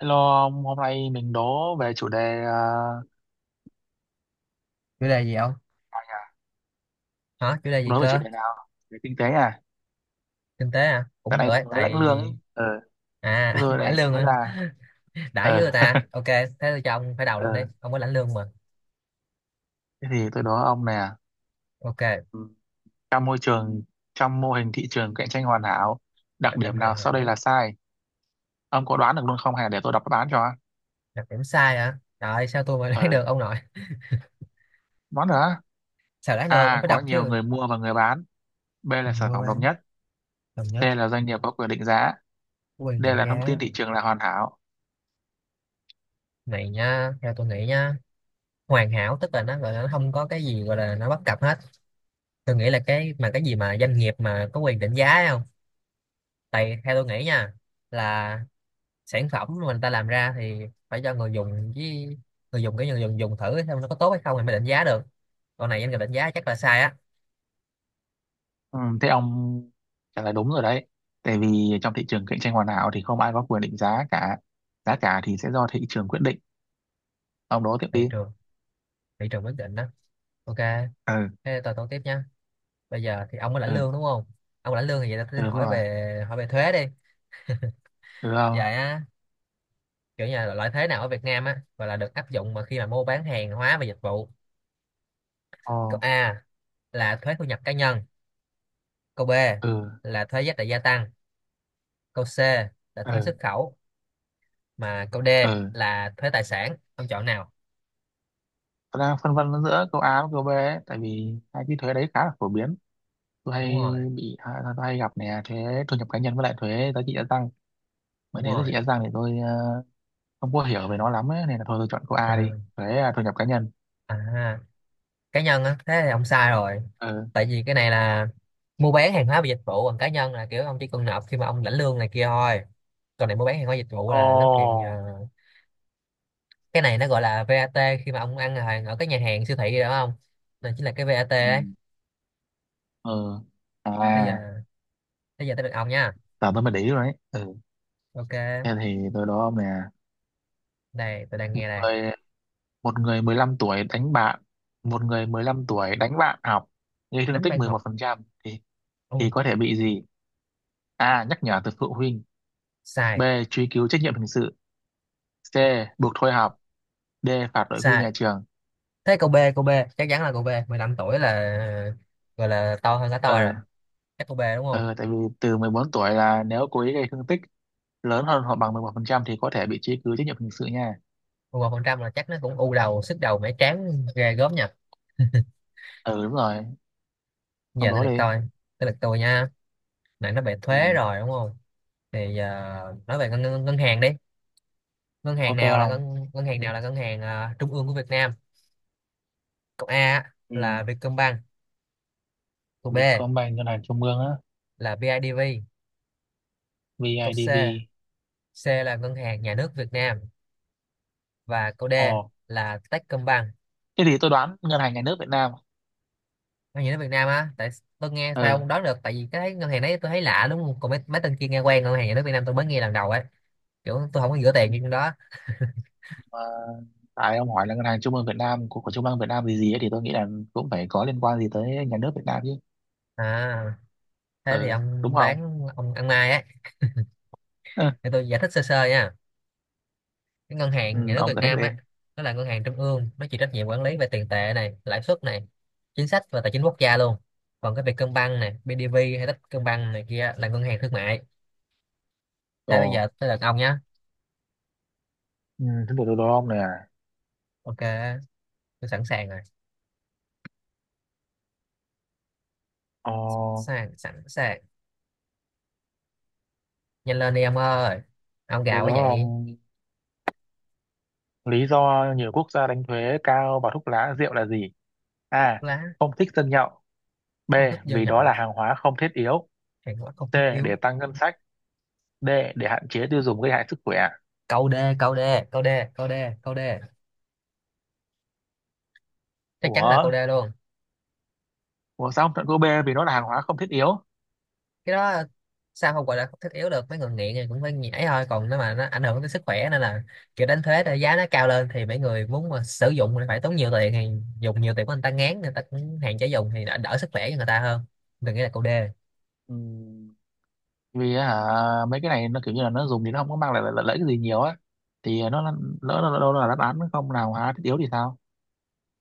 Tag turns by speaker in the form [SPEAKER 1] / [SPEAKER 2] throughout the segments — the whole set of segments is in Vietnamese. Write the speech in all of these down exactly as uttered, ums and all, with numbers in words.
[SPEAKER 1] Hello ông, hôm nay mình đố về chủ đề uh,
[SPEAKER 2] Chủ đề gì không? Hả, chủ đề gì
[SPEAKER 1] đố về chủ
[SPEAKER 2] cơ?
[SPEAKER 1] đề nào? Về kinh tế à?
[SPEAKER 2] Kinh tế à,
[SPEAKER 1] Tại
[SPEAKER 2] cũng được
[SPEAKER 1] nay tôi
[SPEAKER 2] ấy.
[SPEAKER 1] mới lãnh
[SPEAKER 2] Tại
[SPEAKER 1] lương ấy. Ờ,
[SPEAKER 2] à,
[SPEAKER 1] thế tôi
[SPEAKER 2] ông lãnh
[SPEAKER 1] này
[SPEAKER 2] lương
[SPEAKER 1] nói
[SPEAKER 2] à.
[SPEAKER 1] ra.
[SPEAKER 2] Đã với người
[SPEAKER 1] Ờ,
[SPEAKER 2] ta, ok, thế tôi cho ông phải đầu luôn đi,
[SPEAKER 1] ờ.
[SPEAKER 2] ông có lãnh lương mà.
[SPEAKER 1] Thế thì tôi đố ông nè.
[SPEAKER 2] Ok, cạnh
[SPEAKER 1] Ừ. Trong môi trường, trong mô hình thị trường cạnh tranh hoàn hảo, đặc
[SPEAKER 2] tranh
[SPEAKER 1] điểm
[SPEAKER 2] hoàn
[SPEAKER 1] nào sau đây
[SPEAKER 2] hảo.
[SPEAKER 1] là sai? Ông có đoán được luôn không? Hay để tôi đọc đáp án cho?
[SPEAKER 2] Đặc điểm sai hả, trời ơi, sao tôi mà đoán được
[SPEAKER 1] Ờ,
[SPEAKER 2] ông nội.
[SPEAKER 1] đoán được á?
[SPEAKER 2] Sao đoán được, ông
[SPEAKER 1] A.
[SPEAKER 2] phải
[SPEAKER 1] Có
[SPEAKER 2] đọc
[SPEAKER 1] nhiều
[SPEAKER 2] chứ.
[SPEAKER 1] người mua và người bán. B là
[SPEAKER 2] Nhiều
[SPEAKER 1] sản
[SPEAKER 2] mua
[SPEAKER 1] phẩm đồng
[SPEAKER 2] bán.
[SPEAKER 1] nhất.
[SPEAKER 2] Đồng
[SPEAKER 1] C
[SPEAKER 2] nhất.
[SPEAKER 1] là doanh nghiệp có quyền định giá.
[SPEAKER 2] Quyền
[SPEAKER 1] D
[SPEAKER 2] định
[SPEAKER 1] là thông tin
[SPEAKER 2] giá.
[SPEAKER 1] thị trường là hoàn hảo.
[SPEAKER 2] Này nha, theo tôi nghĩ nha, hoàn hảo tức là nó gọi là nó không có cái gì gọi là nó bất cập hết. Tôi nghĩ là cái mà cái gì mà doanh nghiệp mà có quyền định giá ấy không. Tại theo tôi nghĩ nha, là sản phẩm mà người ta làm ra thì phải cho người dùng với người dùng, cái người dùng dùng thử xem nó có tốt hay không thì mới định giá được. Còn này anh định giá chắc là sai á.
[SPEAKER 1] Ừ, thế ông trả lời đúng rồi đấy. Tại vì trong thị trường cạnh tranh hoàn hảo thì không ai có quyền định giá cả. Giá cả thì sẽ do thị trường quyết định. Ông đố tiếp
[SPEAKER 2] Thị
[SPEAKER 1] đi.
[SPEAKER 2] trường, thị trường quyết định đó. Ok,
[SPEAKER 1] Ừ,
[SPEAKER 2] thế tôi tôi tiếp nha. Bây giờ thì ông có lãnh
[SPEAKER 1] ừ,
[SPEAKER 2] lương đúng không? Ông lãnh lương thì vậy
[SPEAKER 1] ừ,
[SPEAKER 2] tôi
[SPEAKER 1] đúng
[SPEAKER 2] hỏi
[SPEAKER 1] rồi.
[SPEAKER 2] về hỏi về thuế đi.
[SPEAKER 1] Ừ, không?
[SPEAKER 2] Vậy á, kiểu như là loại thuế nào ở Việt Nam á, gọi là được áp dụng mà khi mà mua bán hàng hóa và dịch vụ.
[SPEAKER 1] Ồ,
[SPEAKER 2] Câu A là thuế thu nhập cá nhân. Câu B
[SPEAKER 1] ừ,
[SPEAKER 2] là thuế giá trị gia tăng. Câu C là thuế
[SPEAKER 1] ừ,
[SPEAKER 2] xuất khẩu. Mà câu D
[SPEAKER 1] ừ.
[SPEAKER 2] là thuế tài sản. Ông chọn nào?
[SPEAKER 1] Tôi đang phân vân giữa câu A với câu B ấy, tại vì hai cái thuế đấy khá là phổ biến. Tôi
[SPEAKER 2] Đúng
[SPEAKER 1] hay
[SPEAKER 2] rồi,
[SPEAKER 1] bị, à, tôi hay gặp nè, thuế thu nhập cá nhân với lại thuế giá trị gia tăng. Mà
[SPEAKER 2] đúng
[SPEAKER 1] thuế giá
[SPEAKER 2] rồi.
[SPEAKER 1] trị gia tăng thì tôi ờ, không có hiểu về nó lắm ấy, nên là thôi tôi chọn câu A đi.
[SPEAKER 2] À,
[SPEAKER 1] Thuế à, thu nhập cá nhân.
[SPEAKER 2] à, cá nhân á, thế thì ông sai rồi.
[SPEAKER 1] Ừ.
[SPEAKER 2] Tại vì cái này là mua bán hàng hóa và dịch vụ, còn cá nhân là kiểu ông chỉ cần nộp khi mà ông lãnh lương này kia thôi. Còn này mua bán hàng hóa dịch vụ là nó kiện ờ,
[SPEAKER 1] Ồ.
[SPEAKER 2] cái này nó gọi là vát, khi mà ông ăn hàng ở các nhà hàng siêu thị rồi đúng không, này chính là cái vát
[SPEAKER 1] Ừ.
[SPEAKER 2] ấy.
[SPEAKER 1] Ừ,
[SPEAKER 2] Bây
[SPEAKER 1] à,
[SPEAKER 2] giờ, bây giờ tới được ông nha.
[SPEAKER 1] tao tao mới để ý rồi đấy. Ừ,
[SPEAKER 2] Ok,
[SPEAKER 1] thế thì tôi đó nè.
[SPEAKER 2] đây tôi đang nghe đây.
[SPEAKER 1] Người, một người mười lăm tuổi đánh bạn, một người mười lăm tuổi đánh bạn học, gây thương
[SPEAKER 2] Đánh
[SPEAKER 1] tích
[SPEAKER 2] ban
[SPEAKER 1] mười một
[SPEAKER 2] học.
[SPEAKER 1] phần trăm thì
[SPEAKER 2] Ôi,
[SPEAKER 1] thì có thể bị gì? A, nhắc nhở từ phụ huynh. B,
[SPEAKER 2] sai,
[SPEAKER 1] truy cứu trách nhiệm hình sự. C, buộc thôi học. D, phạt đội quy
[SPEAKER 2] sai.
[SPEAKER 1] nhà trường.
[SPEAKER 2] Thế câu B, câu B, chắc chắn là câu B. mười lăm tuổi là gọi là to hơn cả tôi rồi.
[SPEAKER 1] ờ
[SPEAKER 2] Chắc câu B đúng không?
[SPEAKER 1] ờ tại vì từ mười bốn tuổi là nếu cố ý gây thương tích lớn hơn hoặc bằng mười một phần trăm thì có thể bị truy cứu trách nhiệm hình sự nha.
[SPEAKER 2] Một phần trăm là chắc nó cũng u đầu sức đầu mẻ trán ghê gớm nha.
[SPEAKER 1] Ừ, đúng rồi, trong
[SPEAKER 2] Giờ tới
[SPEAKER 1] đó
[SPEAKER 2] lượt
[SPEAKER 1] đi.
[SPEAKER 2] tôi. Tới lượt tôi nha. Nãy nó về thuế
[SPEAKER 1] Ừ,
[SPEAKER 2] rồi đúng không? Thì giờ nói về ngân, ngân, ngân hàng đi. Ngân hàng
[SPEAKER 1] ok
[SPEAKER 2] nào là
[SPEAKER 1] không?
[SPEAKER 2] ngân, ngân hàng nào là ngân hàng à, trung ương của Việt Nam? Câu A
[SPEAKER 1] Ừ.
[SPEAKER 2] là Vietcombank. Câu B
[SPEAKER 1] Vietcombank ngân hàng trung ương á.
[SPEAKER 2] là bê i đê vê. Câu C,
[SPEAKER 1] bê i đê vê.
[SPEAKER 2] C là ngân hàng nhà nước Việt Nam. Và câu D
[SPEAKER 1] Ồ,
[SPEAKER 2] là Techcombank.
[SPEAKER 1] thế thì tôi đoán ngân hàng nhà nước Việt Nam.
[SPEAKER 2] Ngân nhà nước Việt Nam á. Tại tôi nghe sao
[SPEAKER 1] Ờ
[SPEAKER 2] không đoán được, tại vì cái ngân hàng đấy tôi thấy lạ đúng không, còn mấy, mấy tên kia nghe quen. Ngân hàng nhà nước Việt Nam tôi mới nghe lần đầu ấy, kiểu tôi không có gửi tiền như trong đó.
[SPEAKER 1] mà tại ông hỏi là ngân hàng trung ương Việt Nam của, của trung ương Việt Nam gì gì ấy, thì tôi nghĩ là cũng phải có liên quan gì tới nhà nước Việt Nam chứ.
[SPEAKER 2] À, thế thì
[SPEAKER 1] Ờ đúng
[SPEAKER 2] ông
[SPEAKER 1] không?
[SPEAKER 2] đoán ông ăn Mai á.
[SPEAKER 1] Ừ,
[SPEAKER 2] Để tôi giải thích sơ sơ nha. Cái ngân hàng nhà
[SPEAKER 1] ừ,
[SPEAKER 2] nước
[SPEAKER 1] ông
[SPEAKER 2] Việt
[SPEAKER 1] giải thích
[SPEAKER 2] Nam
[SPEAKER 1] đi.
[SPEAKER 2] á, nó là ngân hàng trung ương, nó chịu trách nhiệm quản lý về tiền tệ này, lãi suất này, chính sách và tài chính quốc gia luôn. Còn cái Vietcombank này, BIDV hay Techcombank này kia là ngân hàng thương mại. Thế
[SPEAKER 1] Ồ.
[SPEAKER 2] bây giờ tới lượt ông nhá.
[SPEAKER 1] Ừ, thế thì tôi đố ông này à.
[SPEAKER 2] Ok, tôi sẵn sàng rồi.
[SPEAKER 1] ờ
[SPEAKER 2] Sẵn sẵn sàng. Nhanh lên đi ông ơi, ông
[SPEAKER 1] tôi
[SPEAKER 2] gào
[SPEAKER 1] đố
[SPEAKER 2] quá vậy.
[SPEAKER 1] ông, lý do nhiều quốc gia đánh thuế cao vào thuốc lá rượu là gì? A,
[SPEAKER 2] Lá.
[SPEAKER 1] không thích dân nhậu. B,
[SPEAKER 2] Không thích dân
[SPEAKER 1] vì đó
[SPEAKER 2] nhậu.
[SPEAKER 1] là hàng hóa không thiết yếu.
[SPEAKER 2] Hàng hóa không
[SPEAKER 1] C,
[SPEAKER 2] thiết
[SPEAKER 1] để
[SPEAKER 2] yếu.
[SPEAKER 1] tăng ngân sách. D. Để hạn chế tiêu dùng gây hại sức khỏe.
[SPEAKER 2] Câu D, câu D, câu D, câu D, câu D, chắc chắn là câu
[SPEAKER 1] Ủa?
[SPEAKER 2] D luôn.
[SPEAKER 1] Ủa sao không chọn câu B vì nó là hàng hóa không thiết yếu?
[SPEAKER 2] Cái đó sao không gọi là không thiết yếu được, mấy người nghiện thì cũng phải nhảy thôi. Còn nếu mà nó ảnh hưởng tới sức khỏe nên là kiểu đánh thuế là giá nó cao lên thì mấy người muốn mà sử dụng thì phải tốn nhiều tiền, thì dùng nhiều tiền của người ta ngán, người ta cũng hạn chế dùng thì đã đỡ sức khỏe cho người ta hơn. Đừng nghĩ là câu đê.
[SPEAKER 1] Ừm, vì hả, mấy cái này nó kiểu như là nó dùng thì nó không có mang lại lợi, lợi, lợi ích gì nhiều á. Thì nó là- lỡ nó đâu là đáp án không là hàng hóa thiết yếu thì sao?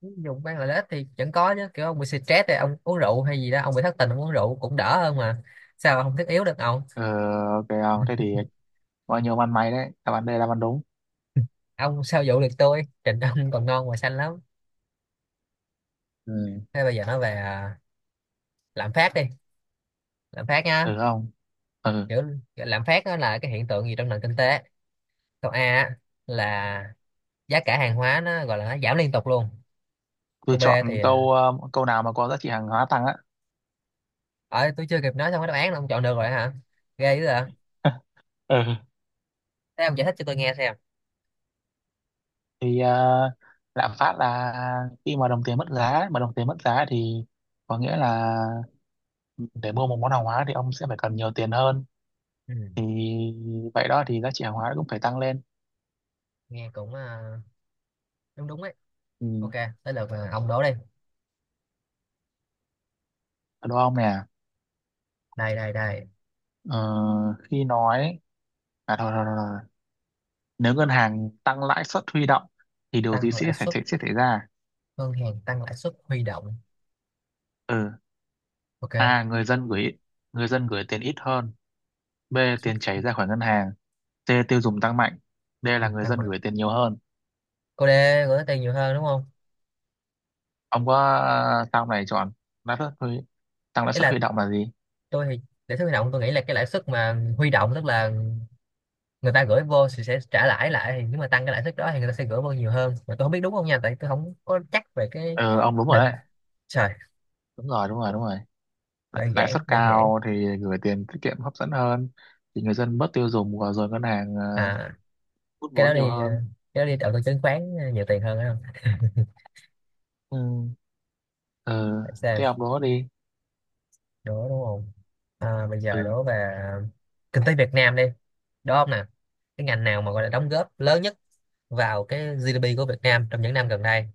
[SPEAKER 2] Dùng bán lợi ích thì vẫn có chứ, kiểu ông bị stress thì ông uống rượu, hay gì đó ông bị thất tình ông uống rượu cũng đỡ hơn mà. Sao mà không thiết yếu được ông.
[SPEAKER 1] Ờ, ok không? Thế thì bao nhiêu ăn mày đấy. Đáp án D là đáp án đúng.
[SPEAKER 2] Ông sao dụ được tôi, trình ông còn ngon và xanh lắm.
[SPEAKER 1] Ừ.
[SPEAKER 2] Thế bây giờ nói về à, lạm phát đi, lạm phát nha.
[SPEAKER 1] Ừ không? Ừ.
[SPEAKER 2] Kiểu lạm phát đó là cái hiện tượng gì trong nền kinh tế. Câu A á, là giá cả hàng hóa nó gọi là nó giảm liên tục luôn.
[SPEAKER 1] Tôi
[SPEAKER 2] Câu B thì
[SPEAKER 1] chọn
[SPEAKER 2] ờ,
[SPEAKER 1] câu ờ, câu nào mà có giá trị hàng hóa tăng á.
[SPEAKER 2] ở tôi chưa kịp nói xong cái đáp án là ông chọn được rồi hả, ghê dữ à.
[SPEAKER 1] Ừ.
[SPEAKER 2] Thế ông giải thích cho tôi nghe xem.
[SPEAKER 1] Thì ờ, lạm phát là khi mà đồng tiền mất giá, mà đồng tiền mất giá thì có nghĩa là để mua một món hàng hóa thì ông sẽ phải cần nhiều tiền hơn,
[SPEAKER 2] Ừ.
[SPEAKER 1] thì vậy đó thì giá trị hàng hóa cũng phải tăng lên.
[SPEAKER 2] Nghe cũng ờ, đúng đúng ấy. Ok,
[SPEAKER 1] Ừ,
[SPEAKER 2] tới lượt ờ, ông đố đi.
[SPEAKER 1] đúng không nè?
[SPEAKER 2] Đây, đây, đây.
[SPEAKER 1] ờ, khi nói à, thôi, thôi, thôi, thôi. Nếu ngân hàng tăng lãi suất huy động thì điều gì
[SPEAKER 2] Tăng lãi
[SPEAKER 1] sẽ xảy
[SPEAKER 2] suất,
[SPEAKER 1] sẽ, sẽ xảy ra?
[SPEAKER 2] ngân hàng tăng lãi suất huy động.
[SPEAKER 1] Ừ.
[SPEAKER 2] Ok, lãi
[SPEAKER 1] A, người dân gửi người dân gửi tiền ít hơn. B,
[SPEAKER 2] suất.
[SPEAKER 1] tiền chảy ra khỏi ngân hàng. C, tiêu dùng tăng mạnh. D là
[SPEAKER 2] Dùng
[SPEAKER 1] người
[SPEAKER 2] tăng
[SPEAKER 1] dân
[SPEAKER 2] mạnh.
[SPEAKER 1] gửi tiền nhiều hơn.
[SPEAKER 2] Cô D, gửi tiền nhiều hơn đúng không?
[SPEAKER 1] Ông có ờ, sao này chọn lãi suất huy tăng lãi
[SPEAKER 2] Ý
[SPEAKER 1] suất
[SPEAKER 2] là
[SPEAKER 1] huy động là gì?
[SPEAKER 2] tôi thì lãi suất huy động tôi nghĩ là cái lãi suất mà huy động, tức là người ta gửi vô thì sẽ trả lãi lại, thì nếu mà tăng cái lãi suất đó thì người ta sẽ gửi vô nhiều hơn. Mà tôi không biết đúng không nha, tại tôi không có chắc về cái
[SPEAKER 1] Ừ, ông đúng rồi
[SPEAKER 2] định.
[SPEAKER 1] đấy.
[SPEAKER 2] Trời.
[SPEAKER 1] Đúng rồi đúng rồi đúng rồi. Lãi
[SPEAKER 2] Đơn
[SPEAKER 1] Lãi suất
[SPEAKER 2] giản, đơn giản.
[SPEAKER 1] cao thì gửi tiền tiết kiệm hấp dẫn hơn, thì người dân bớt tiêu dùng và rồi ngân hàng ờ,
[SPEAKER 2] À,
[SPEAKER 1] hút
[SPEAKER 2] cái
[SPEAKER 1] vốn
[SPEAKER 2] đó
[SPEAKER 1] nhiều
[SPEAKER 2] đi à,
[SPEAKER 1] hơn.
[SPEAKER 2] cái đó đi đầu tư chứng khoán à, nhiều tiền hơn phải không?
[SPEAKER 1] Ừ. Ừ,
[SPEAKER 2] Để xem.
[SPEAKER 1] thế học đó đi.
[SPEAKER 2] Đố đúng không? à, bây giờ
[SPEAKER 1] Ừ.
[SPEAKER 2] đố về à, kinh tế Việt Nam đi. Đó không nè. Cái ngành nào mà gọi là đóng góp lớn nhất vào cái giê đê pê của Việt Nam trong những năm gần đây?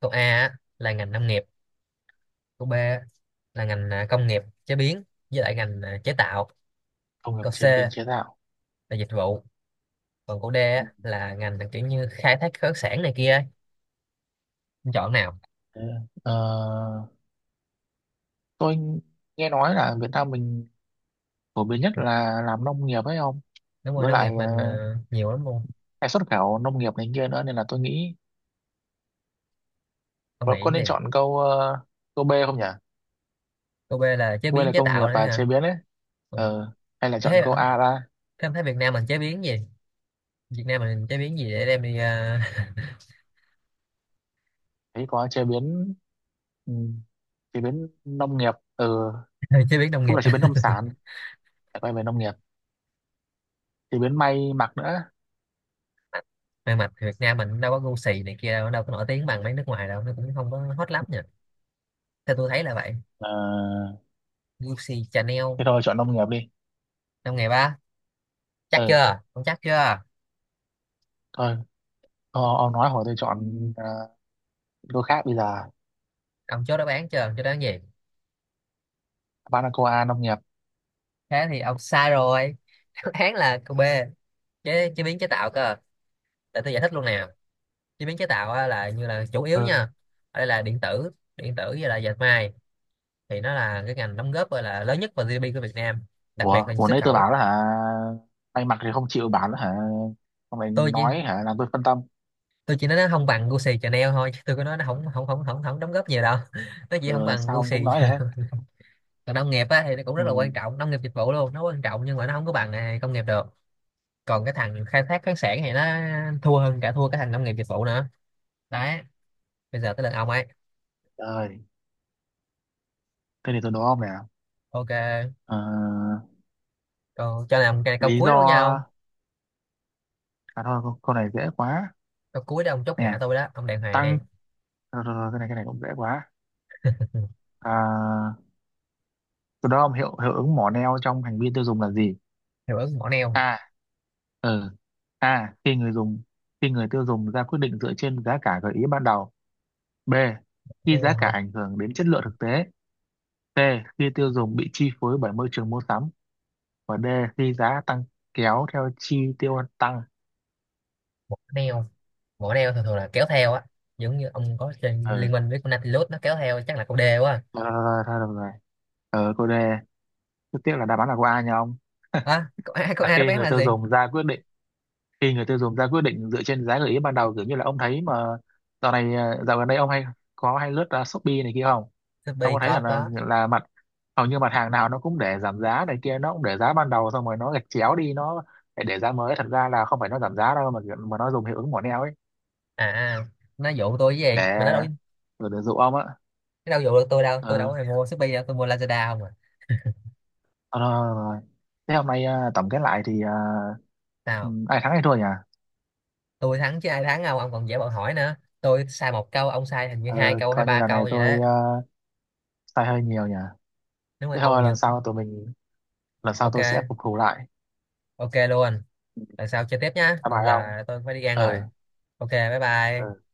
[SPEAKER 2] Câu A á, là ngành nông nghiệp. Câu B á, là ngành à, công nghiệp chế biến với lại ngành à, chế tạo.
[SPEAKER 1] Công nghiệp
[SPEAKER 2] Câu C
[SPEAKER 1] chế biến chế
[SPEAKER 2] là
[SPEAKER 1] tạo.
[SPEAKER 2] dịch vụ. Còn cô D
[SPEAKER 1] Ừ.
[SPEAKER 2] á, là ngành là kiểu như khai thác khoáng sản này kia ấy. Em chọn nào?
[SPEAKER 1] Ừ. Ờ, tôi nghe nói là Việt Nam mình phổ biến nhất là làm nông nghiệp ấy không,
[SPEAKER 2] Đúng rồi,
[SPEAKER 1] với
[SPEAKER 2] nông nghiệp
[SPEAKER 1] lại
[SPEAKER 2] mình
[SPEAKER 1] ờ,
[SPEAKER 2] ờ, nhiều lắm luôn.
[SPEAKER 1] hay xuất khẩu nông nghiệp này kia nữa nên là tôi nghĩ
[SPEAKER 2] Ông
[SPEAKER 1] bọn
[SPEAKER 2] nghĩ
[SPEAKER 1] con
[SPEAKER 2] gì?
[SPEAKER 1] nên chọn câu ờ, câu B không nhỉ?
[SPEAKER 2] Cô B là chế
[SPEAKER 1] Quê
[SPEAKER 2] biến
[SPEAKER 1] là
[SPEAKER 2] chế
[SPEAKER 1] công nghiệp
[SPEAKER 2] tạo nữa
[SPEAKER 1] và
[SPEAKER 2] hả?
[SPEAKER 1] chế biến ấy.
[SPEAKER 2] Ừ.
[SPEAKER 1] Ờ, hay là chọn
[SPEAKER 2] Thế hả?
[SPEAKER 1] câu A ra?
[SPEAKER 2] Thế em thấy Việt Nam mình chế biến gì? Việt Nam mình chế biến gì để đem đi ờ,
[SPEAKER 1] Thấy có chế biến. Ừ, chế biến nông nghiệp. Ừ,
[SPEAKER 2] chế biến nông
[SPEAKER 1] cũng
[SPEAKER 2] nghiệp.
[SPEAKER 1] là chế biến nông sản, lại quay về nông nghiệp, chế biến may mặc nữa.
[SPEAKER 2] May mặt thì Việt Nam mình đâu có gu xì này kia đâu, đâu có nổi tiếng bằng mấy nước ngoài đâu, nó cũng không có hot lắm nhỉ. Theo tôi thấy là vậy.
[SPEAKER 1] Ờ,
[SPEAKER 2] Gu xì Chanel.
[SPEAKER 1] thế thôi chọn nông nghiệp đi.
[SPEAKER 2] Trong ngày ba, chắc
[SPEAKER 1] Ừ,
[SPEAKER 2] chưa ông, chắc chưa?
[SPEAKER 1] thôi, ô- ông nói hồi tôi chọn ờ, đôi khác bây giờ.
[SPEAKER 2] Ông chốt đáp án chưa, ông chốt đáp án gì?
[SPEAKER 1] Banacoa nông nghiệp.
[SPEAKER 2] Thế thì ông sai rồi. Đáp án là cô B, chế, chế biến chế tạo cơ. Để tôi giải thích luôn nè. Chế biến chế tạo á, là như là chủ yếu nha,
[SPEAKER 1] Ừ.
[SPEAKER 2] ở đây là điện tử, điện tử với là dệt may, thì nó là cái ngành đóng góp gọi là lớn nhất vào giê đê pê của Việt Nam, đặc
[SPEAKER 1] Ủa,
[SPEAKER 2] biệt là
[SPEAKER 1] ủa
[SPEAKER 2] xuất
[SPEAKER 1] nãy tôi
[SPEAKER 2] khẩu.
[SPEAKER 1] bảo đó hả? May mặc thì không chịu bảo đó hả, ông lại
[SPEAKER 2] tôi chỉ
[SPEAKER 1] nói hả làm tôi phân tâm.
[SPEAKER 2] tôi chỉ nói nó không bằng Gucci Chanel thôi, chứ tôi có nói nó không không không không không đóng góp nhiều đâu. Nó chỉ không
[SPEAKER 1] Ừ,
[SPEAKER 2] bằng
[SPEAKER 1] sao ông
[SPEAKER 2] Gucci.
[SPEAKER 1] cũng nói đấy.
[SPEAKER 2] Còn nông nghiệp á, thì nó cũng rất là quan
[SPEAKER 1] Ừ,
[SPEAKER 2] trọng, nông nghiệp dịch vụ luôn nó quan trọng, nhưng mà nó không có bằng à, công nghiệp được. Còn cái thằng khai thác khoáng sản thì nó thua, hơn cả thua cái thằng nông nghiệp dịch vụ nữa. Đấy, bây giờ tới lượt ông ấy.
[SPEAKER 1] rồi, thế thì tôi đố ông nè.
[SPEAKER 2] Ok,
[SPEAKER 1] Ờ,
[SPEAKER 2] còn cho làm cái câu
[SPEAKER 1] lý
[SPEAKER 2] cuối
[SPEAKER 1] do
[SPEAKER 2] luôn nha ông.
[SPEAKER 1] à thôi, câu câu này dễ quá.
[SPEAKER 2] Câu cuối đó, ông chốt hạ
[SPEAKER 1] Nè,
[SPEAKER 2] tôi đó, ông đàng hoàng đi.
[SPEAKER 1] tăng, rồi, rồi, rồi, cái này cái này cũng dễ quá. À, từ đó ông hiệu hiệu ứng mỏ neo trong hành vi tiêu dùng là gì?
[SPEAKER 2] Hiệu ứng mỏ neo.
[SPEAKER 1] A. Ờ. A. Khi người dùng khi người tiêu dùng ra quyết định dựa trên giá cả gợi ý ban đầu. B. Khi giá
[SPEAKER 2] Neo
[SPEAKER 1] cả
[SPEAKER 2] hả?
[SPEAKER 1] ảnh hưởng đến chất lượng thực tế. C. Khi tiêu dùng bị chi phối bởi môi trường mua sắm. Và D. Khi giá tăng kéo theo chi tiêu tăng.
[SPEAKER 2] Mỏ neo, mỏ neo thường thường là kéo theo á, giống như ông có trên
[SPEAKER 1] Ờ.
[SPEAKER 2] liên minh với con Nautilus nó kéo theo. Chắc là câu D quá.
[SPEAKER 1] Ờ, thôi được rồi. rồi. Ờ, cô D. Rất tiếc là đáp án là cô A nha ông.
[SPEAKER 2] À câu A, câu
[SPEAKER 1] Là
[SPEAKER 2] A đáp
[SPEAKER 1] khi
[SPEAKER 2] án
[SPEAKER 1] người
[SPEAKER 2] là
[SPEAKER 1] tiêu
[SPEAKER 2] gì?
[SPEAKER 1] dùng ra quyết định Khi người tiêu dùng ra quyết định dựa trên giá gợi ý ban đầu, kiểu như là ông thấy mà dạo này à, dạo gần đây ông hay có hay lướt à, Shopee này kia không? Ông
[SPEAKER 2] Shopee
[SPEAKER 1] có thấy là
[SPEAKER 2] có,
[SPEAKER 1] là,
[SPEAKER 2] có.
[SPEAKER 1] là mặt hầu như mặt hàng nào nó cũng để giảm giá này kia, nó cũng để giá ban đầu xong rồi nó gạch chéo đi, nó để để giá mới, thật ra là không phải nó giảm giá đâu mà mà nó dùng hiệu ứng mỏ neo ấy,
[SPEAKER 2] À, à, nó dụ tôi với
[SPEAKER 1] để
[SPEAKER 2] gì mà nó đâu.
[SPEAKER 1] để, để dụ ông á.
[SPEAKER 2] Nó đâu dụ được tôi đâu,
[SPEAKER 1] Ừ.
[SPEAKER 2] tôi đâu có hề mua Shopee đâu, tôi mua Lazada không à.
[SPEAKER 1] Ờ, rồi, rồi. rồi. Thế hôm nay à, tổng kết lại thì à, ừ,
[SPEAKER 2] Nào.
[SPEAKER 1] ai thắng ai thua nhỉ?
[SPEAKER 2] Tôi thắng chứ ai thắng, không ông còn dễ bọn hỏi nữa, tôi sai một câu, ông sai hình như hai
[SPEAKER 1] Ờ,
[SPEAKER 2] câu hay
[SPEAKER 1] coi như
[SPEAKER 2] ba
[SPEAKER 1] là
[SPEAKER 2] câu
[SPEAKER 1] này
[SPEAKER 2] vậy đó.
[SPEAKER 1] tôi à, sai hơi nhiều nhỉ.
[SPEAKER 2] Đúng rồi
[SPEAKER 1] Thế
[SPEAKER 2] ông
[SPEAKER 1] thôi lần
[SPEAKER 2] nhược.
[SPEAKER 1] sau tụi mình lần sau tôi sẽ
[SPEAKER 2] Ok.
[SPEAKER 1] phục thù lại.
[SPEAKER 2] Ok luôn. Lần sau chơi tiếp nhá,
[SPEAKER 1] Hà Nội
[SPEAKER 2] còn
[SPEAKER 1] không?
[SPEAKER 2] giờ tôi phải đi ăn rồi.
[SPEAKER 1] Ừ.
[SPEAKER 2] Ok, bye bye.
[SPEAKER 1] Ừ.